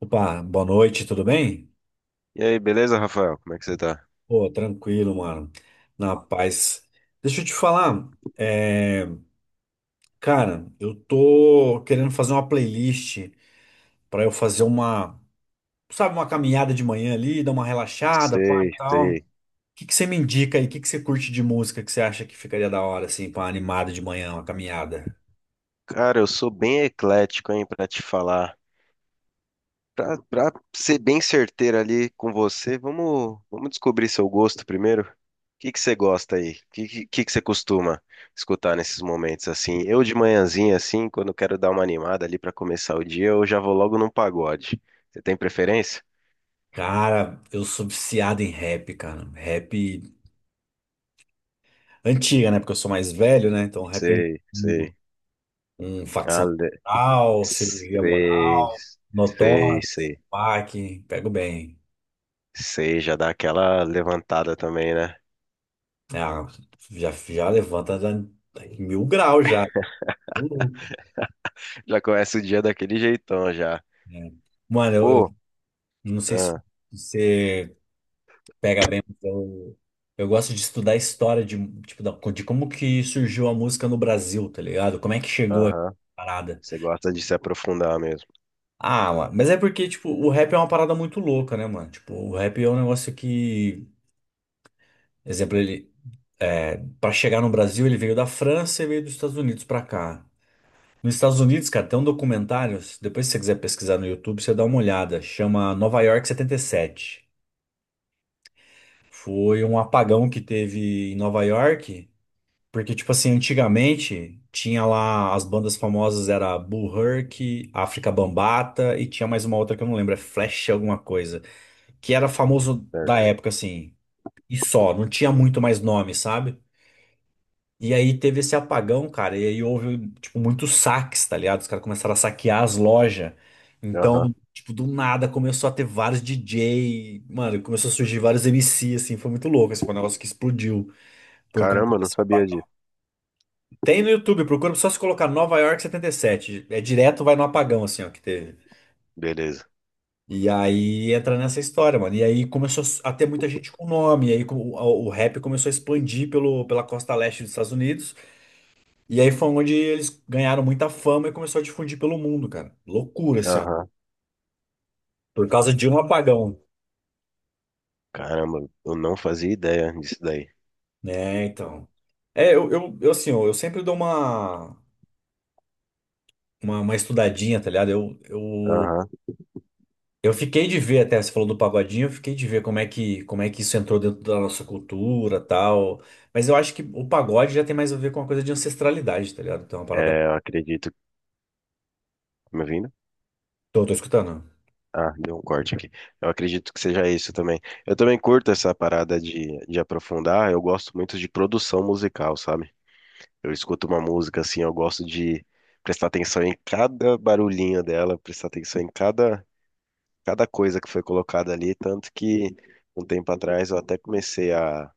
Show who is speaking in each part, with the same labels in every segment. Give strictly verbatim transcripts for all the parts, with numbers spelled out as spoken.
Speaker 1: Opa, boa noite, tudo bem?
Speaker 2: E aí, beleza, Rafael? Como é que você tá?
Speaker 1: Pô, tranquilo, mano. Na paz. Deixa eu te falar, é, cara, eu tô querendo fazer uma playlist pra eu fazer uma, sabe, uma caminhada de manhã ali, dar uma relaxada, pá, e
Speaker 2: Sei,
Speaker 1: tal. O
Speaker 2: sei.
Speaker 1: que que você me indica aí? O que que você curte de música que você acha que ficaria da hora, assim, pra uma animada de manhã, uma caminhada?
Speaker 2: Cara, eu sou bem eclético, hein, pra te falar. Pra, pra ser bem certeiro ali com você, vamos, vamos descobrir seu gosto primeiro. O que que você gosta aí? O que, que, que que você costuma escutar nesses momentos assim? Eu de manhãzinha, assim, quando eu quero dar uma animada ali pra começar o dia, eu já vou logo num pagode. Você tem preferência?
Speaker 1: Cara, eu sou viciado em rap, cara. Rap antiga, né? Porque eu sou mais velho, né? Então, rap é
Speaker 2: Sei, sei.
Speaker 1: antigo. Um facção
Speaker 2: Ale...
Speaker 1: moral, cirurgia
Speaker 2: Sei,
Speaker 1: moral,
Speaker 2: sei,
Speaker 1: notório,
Speaker 2: sei.
Speaker 1: P A C, pego bem,
Speaker 2: Sei, já dá aquela levantada também, né?
Speaker 1: né? Ah, já, já levanta da- mil graus já. Tô louco,
Speaker 2: Já começa o dia daquele jeitão já.
Speaker 1: né? Mano, eu, eu
Speaker 2: Pô,
Speaker 1: não sei se
Speaker 2: ah,
Speaker 1: você pega bem, mas eu, eu gosto de estudar a história de, tipo, da- de como que surgiu a música no Brasil, tá ligado? Como é que chegou a
Speaker 2: aham.
Speaker 1: parada.
Speaker 2: Você gosta de se aprofundar mesmo.
Speaker 1: Ah, mano, mas é porque, tipo, o rap é uma parada muito louca, né, mano? Tipo, o rap é um negócio que, exemplo, ele para chegar no Brasil, ele veio da França e veio dos Estados Unidos para cá. Nos Estados Unidos, cara, tem um documentário. se- Depois, se você quiser pesquisar no YouTube, você dá uma olhada. Chama Nova York setenta e sete. Foi um apagão que teve em Nova York, porque, tipo assim, antigamente tinha lá as bandas famosas, era Bull Herc, África Bambata e tinha mais uma outra que eu não lembro, é Flash alguma coisa, que era famoso da
Speaker 2: Certo?
Speaker 1: época, assim, e só, não tinha muito mais nome, sabe? E aí teve esse apagão, cara, e aí houve, tipo, muitos saques, tá ligado? Os caras começaram a saquear as lojas.
Speaker 2: Aham.
Speaker 1: Então, tipo, do nada começou a ter vários D J, mano, começou a surgir vários M C, assim, foi muito louco, assim, foi um negócio que explodiu por conta
Speaker 2: Caramba, eu não
Speaker 1: desse
Speaker 2: sabia
Speaker 1: apagão.
Speaker 2: disso.
Speaker 1: Tem no YouTube, procura só se colocar Nova York setenta e sete. É direto, vai no apagão, assim, ó, que teve.
Speaker 2: Beleza.
Speaker 1: E aí entra nessa história, mano. E aí começou a ter muita gente com nome, e aí co- o, o rap começou a expandir pelo, pela costa leste dos Estados Unidos. E aí foi onde eles ganharam muita fama e começou a difundir pelo mundo, cara. Loucura, assim, ó.
Speaker 2: Aham.
Speaker 1: Por causa de um apagão,
Speaker 2: Caramba, eu não fazia ideia disso daí.
Speaker 1: né? Então. É, eu, eu, eu, assim, ó, eu sempre dou uma, uma, uma estudadinha, tá ligado? Eu, eu,
Speaker 2: Aham.
Speaker 1: eu fiquei de ver, até você falou do pagodinho, eu fiquei de ver como é que, como é que isso entrou dentro da nossa cultura, tal. Mas eu acho que o pagode já tem mais a ver com uma coisa de ancestralidade, tá ligado? Então é uma parada.
Speaker 2: É, eu acredito. Me ouvindo?
Speaker 1: Tô, tô escutando.
Speaker 2: Ah, deu um corte aqui. Eu acredito que seja isso também. Eu também curto essa parada de, de aprofundar. Eu gosto muito de produção musical, sabe? Eu escuto uma música assim, eu gosto de prestar atenção em cada barulhinho dela, prestar atenção em cada, cada coisa que foi colocada ali, tanto que um tempo atrás eu até comecei a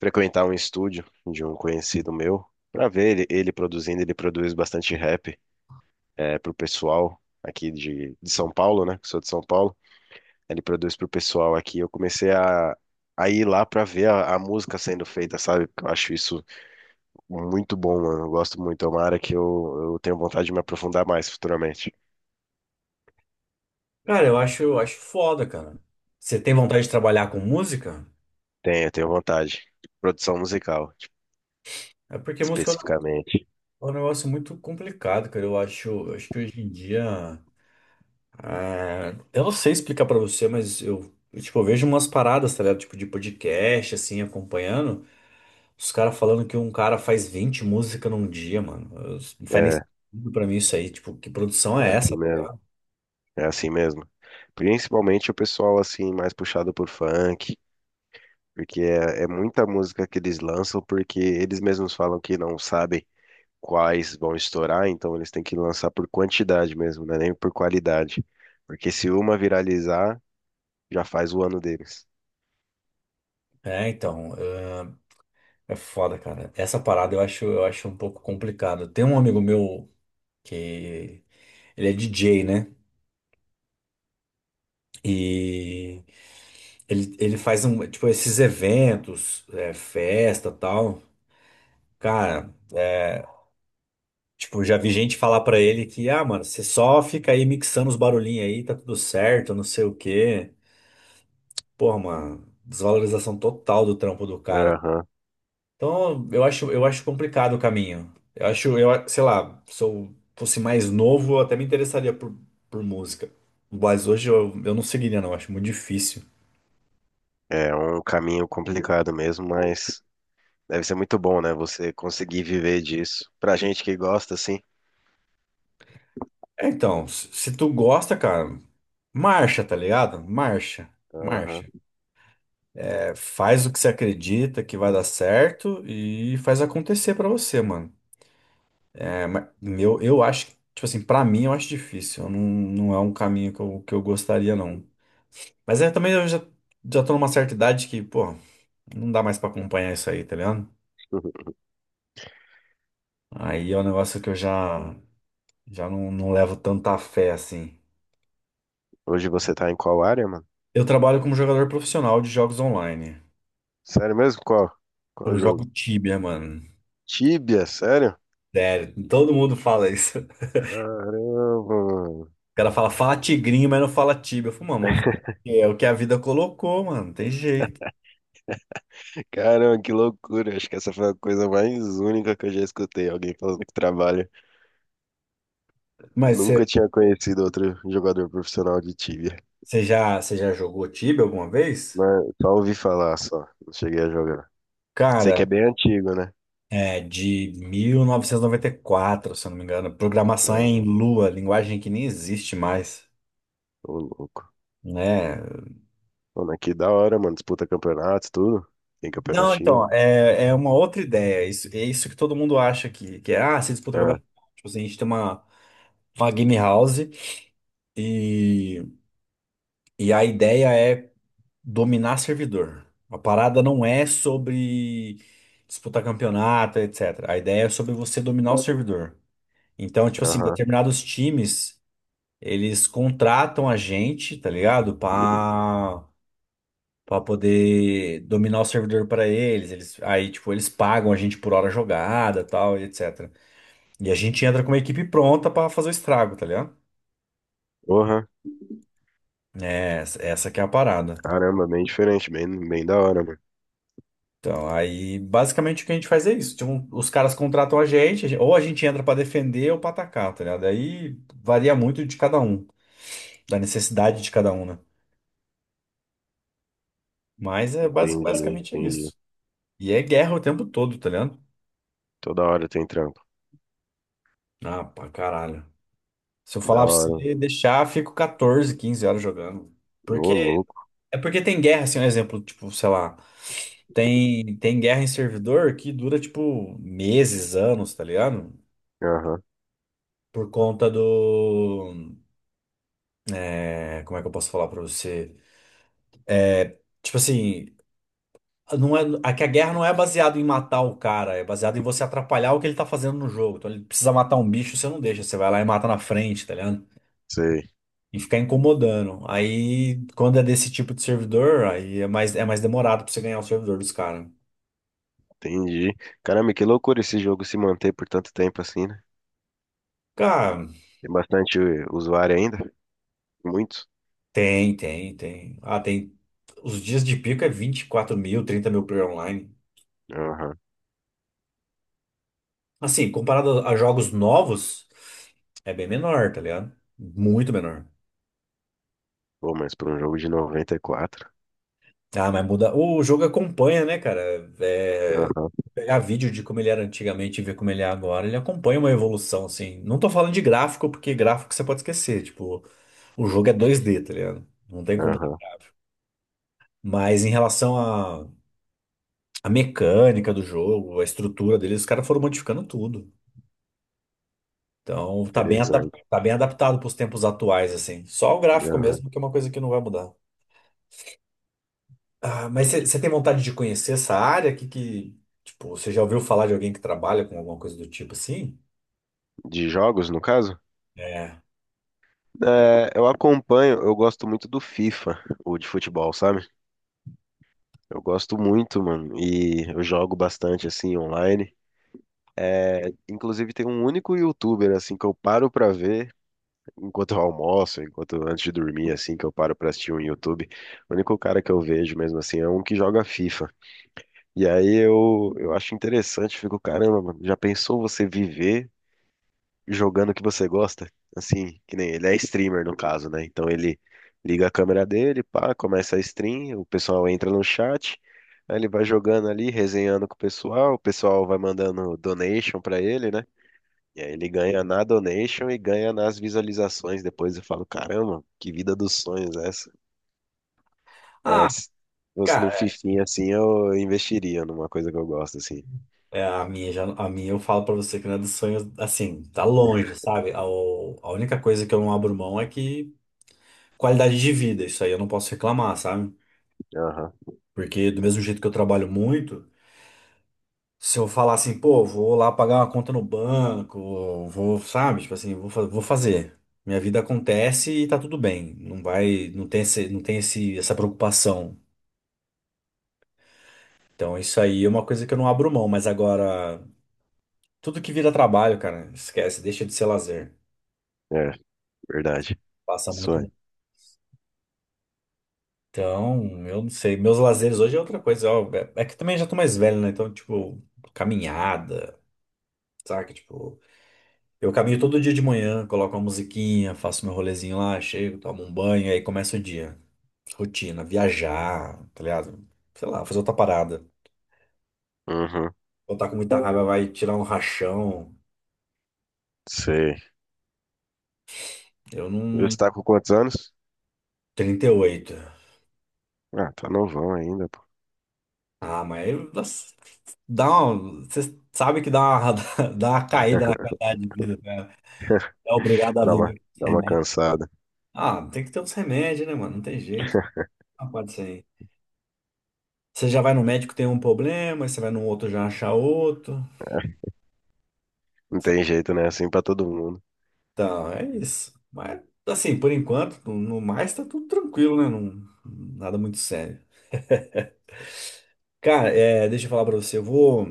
Speaker 2: frequentar um estúdio de um conhecido meu para ver ele, ele produzindo, ele produz bastante rap é, pro pessoal aqui de, de São Paulo, né? Que sou de São Paulo. Ele produz pro pessoal aqui. Eu comecei a, a ir lá para ver a, a música sendo feita, sabe? Porque eu acho isso muito bom, mano. Eu gosto muito. É uma área que eu, eu tenho vontade de me aprofundar mais futuramente.
Speaker 1: Cara, eu acho, eu acho foda, cara. Você tem vontade de trabalhar com música?
Speaker 2: Tenho, tenho vontade. Produção musical, tipo,
Speaker 1: É porque música
Speaker 2: especificamente.
Speaker 1: é um negócio muito complicado, cara. Eu acho, acho que hoje em dia. Ah, eu não sei explicar pra você, mas eu, eu, tipo, eu vejo umas paradas, tá ligado? Tipo, de podcast, assim, acompanhando. Os caras falando que um cara faz vinte músicas num dia, mano. Eu- Não
Speaker 2: É,
Speaker 1: faz nem
Speaker 2: é
Speaker 1: sentido pra mim isso aí. Tipo, que produção é essa,
Speaker 2: assim
Speaker 1: tá
Speaker 2: mesmo.
Speaker 1: ligado?
Speaker 2: É assim mesmo. Principalmente o pessoal, assim, mais puxado por funk, porque é, é muita música que eles lançam, porque eles mesmos falam que não sabem quais vão estourar, então eles têm que lançar por quantidade mesmo, né? Nem por qualidade. Porque se uma viralizar, já faz o ano deles.
Speaker 1: É, então, é, é foda, cara. Essa parada eu acho, eu acho um pouco complicado. Tem um amigo meu que ele é D J, né? E Ele, ele faz um, tipo, esses eventos, é, festa, tal. Cara, é, tipo, já vi gente falar pra ele que, ah, mano, você só fica aí mixando os barulhinhos aí, tá tudo certo, não sei o quê. Porra, mano, desvalorização total do trampo do cara.
Speaker 2: Aham.
Speaker 1: Então, eu acho, eu acho complicado o caminho. Eu acho, eu, a- sei lá, se eu fosse mais novo, eu até me interessaria por, por música. Mas hoje eu, eu não seguiria, não, eu acho muito difícil.
Speaker 2: É um caminho complicado mesmo, mas deve ser muito bom, né? Você conseguir viver disso. Pra gente que gosta, sim.
Speaker 1: É, então, se se tu gosta, cara, marcha, tá ligado? Marcha,
Speaker 2: Aham.
Speaker 1: marcha. É, faz o que você acredita que vai dar certo e faz acontecer pra você, mano. É, mas meu, eu acho, que, tipo assim, pra mim eu acho difícil. Eu não, não é um caminho que eu, que eu gostaria, não. Mas é, também eu já, já tô numa certa idade que, pô, não dá mais pra acompanhar isso aí, tá ligado? Aí é um negócio que eu já, já não, não levo tanta fé, assim.
Speaker 2: Hoje você tá em qual área, mano?
Speaker 1: Eu trabalho como jogador profissional de jogos online.
Speaker 2: Sério mesmo? Qual? Qual
Speaker 1: Eu jogo
Speaker 2: jogo?
Speaker 1: Tibia, mano.
Speaker 2: Tibia, sério?
Speaker 1: Sério, todo mundo fala isso. O
Speaker 2: Caramba, mano.
Speaker 1: cara fala, fala tigrinho, mas não fala tíbia. Eu falo, mano, eu vou fazer o quê? É o que a vida colocou, mano, não tem jeito.
Speaker 2: Caramba, que loucura. Acho que essa foi a coisa mais única que eu já escutei. Alguém falando que trabalha.
Speaker 1: Mas
Speaker 2: Nunca
Speaker 1: você
Speaker 2: tinha conhecido outro jogador profissional de Tibia.
Speaker 1: você já, Você já jogou tíbia alguma vez?
Speaker 2: Mas só ouvi falar, só. Não cheguei a jogar. Sei que é
Speaker 1: Cara,
Speaker 2: bem antigo, né?
Speaker 1: é de mil novecentos e e noventa e quatro, se eu não me engano. Programação é em
Speaker 2: Aham,
Speaker 1: Lua, linguagem que nem existe mais,
Speaker 2: ô, louco.
Speaker 1: né?
Speaker 2: Pô, mas que da hora, mano. Disputa campeonatos, tudo. Tem
Speaker 1: Não,
Speaker 2: campeonatinho.
Speaker 1: então, é, é, uma outra ideia. Isso, é isso que todo mundo acha que, que é, ah, se disputa o
Speaker 2: Ah,
Speaker 1: campeonato. Tipo assim, a gente tem uma, uma game house e, e a ideia é dominar servidor. A parada não é sobre disputar campeonato, etcétera. A ideia é sobre você dominar o servidor. Então, tipo assim,
Speaker 2: aham.
Speaker 1: determinados times, eles contratam a gente, tá ligado? Pra, pra poder dominar o servidor pra eles. Eles, aí, tipo, eles pagam a gente por hora jogada, tal, e etcétera. E a gente entra com uma equipe pronta pra fazer o estrago, tá ligado?
Speaker 2: Porra.
Speaker 1: É, essa essa que é a parada.
Speaker 2: Caramba, bem diferente, bem, bem da hora, mano.
Speaker 1: Então, aí basicamente o que a gente faz é isso. Tipo, os caras contratam a gente, a gen- ou a gente entra pra defender ou pra atacar, tá ligado? Aí varia muito de cada um, da necessidade de cada um, né? Mas é basi-
Speaker 2: Entendi,
Speaker 1: basicamente é
Speaker 2: entendi.
Speaker 1: isso. E é guerra o tempo todo, tá ligado?
Speaker 2: Toda hora tem trampo.
Speaker 1: Ah, pra caralho. Se eu
Speaker 2: Da
Speaker 1: falar pra
Speaker 2: hora.
Speaker 1: você deixar, fico quatorze, quinze horas jogando. Porque
Speaker 2: Ô, louco.
Speaker 1: é porque tem guerra, assim, um exemplo, tipo, sei lá, tem tem guerra em servidor que dura tipo meses, anos, tá ligado?
Speaker 2: Aham,
Speaker 1: Por conta do é, como é que eu posso falar pra você? Tipo assim, não é, a, que a guerra não é baseada em matar o cara, é baseada em você atrapalhar o que ele tá fazendo no jogo. Então ele precisa matar um bicho, você não deixa, você vai lá e mata na frente, tá ligado?
Speaker 2: sei.
Speaker 1: E ficar incomodando. Aí, quando é desse tipo de servidor, aí é mais, é mais demorado pra você ganhar o servidor dos caras.
Speaker 2: Entendi. Caramba, que loucura esse jogo se manter por tanto tempo assim, né?
Speaker 1: Cara,
Speaker 2: Tem bastante usuário ainda? Muitos?
Speaker 1: tem, tem, tem. Ah, tem. Os dias de pico é vinte e quatro mil, trinta mil player online.
Speaker 2: Aham.
Speaker 1: Assim, comparado a jogos novos, é bem menor, tá ligado? Muito menor.
Speaker 2: Pô, mas para um jogo de noventa e quatro.
Speaker 1: Ah, mas muda. O jogo acompanha, né, cara? É,
Speaker 2: Aham,
Speaker 1: pegar vídeo de como ele era antigamente e ver como ele é agora, ele acompanha uma evolução, assim. Não tô falando de gráfico, porque gráfico você pode esquecer. Tipo, o jogo é dois d, tá ligado? Não tem como ter
Speaker 2: aham.
Speaker 1: gráfico. Mas em relação à à mecânica do jogo, a estrutura dele, os caras foram modificando tudo. Então, tá bem, adap-
Speaker 2: Interessante.
Speaker 1: tá bem adaptado pros tempos atuais, assim. Só o gráfico
Speaker 2: Aham.
Speaker 1: mesmo, que é uma coisa que não vai mudar. Ah, mas você tem vontade de conhecer essa área? Que, que, tipo, você já ouviu falar de alguém que trabalha com alguma coisa do tipo assim?
Speaker 2: De jogos, no caso?
Speaker 1: É.
Speaker 2: É, eu acompanho, eu gosto muito do FIFA, o de futebol, sabe? Eu gosto muito, mano, e eu jogo bastante assim online. Inclusive tem um único YouTuber assim que eu paro pra ver enquanto eu almoço, enquanto antes de dormir assim, que eu paro pra assistir um YouTube. O único cara que eu vejo mesmo assim é um que joga FIFA. E aí eu eu acho interessante, fico, caramba, mano, já pensou você viver jogando o que você gosta, assim, que nem ele é streamer no caso, né? Então ele liga a câmera dele, pá, começa a stream, o pessoal entra no chat, aí ele vai jogando ali, resenhando com o pessoal, o pessoal vai mandando donation pra ele, né? E aí ele ganha na donation e ganha nas visualizações. Depois eu falo, caramba, que vida dos sonhos é essa. É,
Speaker 1: Ah,
Speaker 2: se fosse num
Speaker 1: cara,
Speaker 2: fifinha assim, eu investiria numa coisa que eu gosto, assim.
Speaker 1: é, é, a minha já, a minha eu falo pra você que não é dos sonhos, assim, tá longe, sabe? A, o- a única coisa que eu não abro mão é que qualidade de vida, isso aí eu não posso reclamar, sabe?
Speaker 2: Aham,
Speaker 1: Porque do mesmo jeito que eu trabalho muito. Se eu falar assim, pô, vou lá pagar uma conta no banco, vou, sabe? Tipo assim, vou, fa- vou fazer. Minha vida acontece e tá tudo bem. Não vai, não tem esse, não tem esse, essa preocupação. Então isso aí é uma coisa que eu não abro mão, mas agora tudo que vira trabalho, cara, esquece, deixa de ser lazer.
Speaker 2: é, verdade.
Speaker 1: Passa muito.
Speaker 2: Sonho.
Speaker 1: Então, eu não sei, meus lazeres hoje é outra coisa, ó, é é que também já tô mais velho, né? Então, tipo, caminhada, saca? Tipo, eu caminho todo dia de manhã, coloco uma musiquinha, faço meu rolezinho lá, chego, tomo um banho, aí começa o dia. Rotina, viajar, tá ligado? Sei lá, fazer outra parada.
Speaker 2: Uhum,
Speaker 1: Ou tá com muita raiva, vai tirar um rachão.
Speaker 2: sei.
Speaker 1: Eu
Speaker 2: Ele
Speaker 1: não.
Speaker 2: está com quantos anos?
Speaker 1: Trinta e oito.
Speaker 2: Ah, tá novão ainda, pô.
Speaker 1: Ah, mas aí, nossa, dá uma. Você sabe que dá uma, dá uma caída na qualidade de vida, cara. É obrigado a
Speaker 2: Dá uma,
Speaker 1: viver com esse
Speaker 2: dá uma
Speaker 1: remédio.
Speaker 2: cansada.
Speaker 1: Ah, tem que ter uns remédios, né, mano? Não tem jeito. Não pode ser. Você já vai no médico, tem um problema, aí você vai no outro, já acha outro.
Speaker 2: Não tem jeito, né? Assim pra todo mundo.
Speaker 1: Então, é isso. Mas, assim, por enquanto, no no mais tá tudo tranquilo, né? Não, nada muito sério. Cara, é, deixa eu falar pra você. Eu vou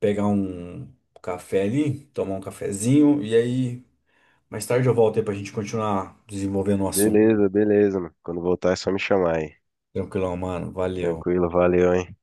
Speaker 1: pegar um café ali, tomar um cafezinho, e aí mais tarde eu volto aí pra gente continuar desenvolvendo o assunto.
Speaker 2: Beleza, beleza, mano. Quando voltar é só me chamar aí.
Speaker 1: Tranquilão, mano. Valeu.
Speaker 2: Tranquilo, valeu, hein?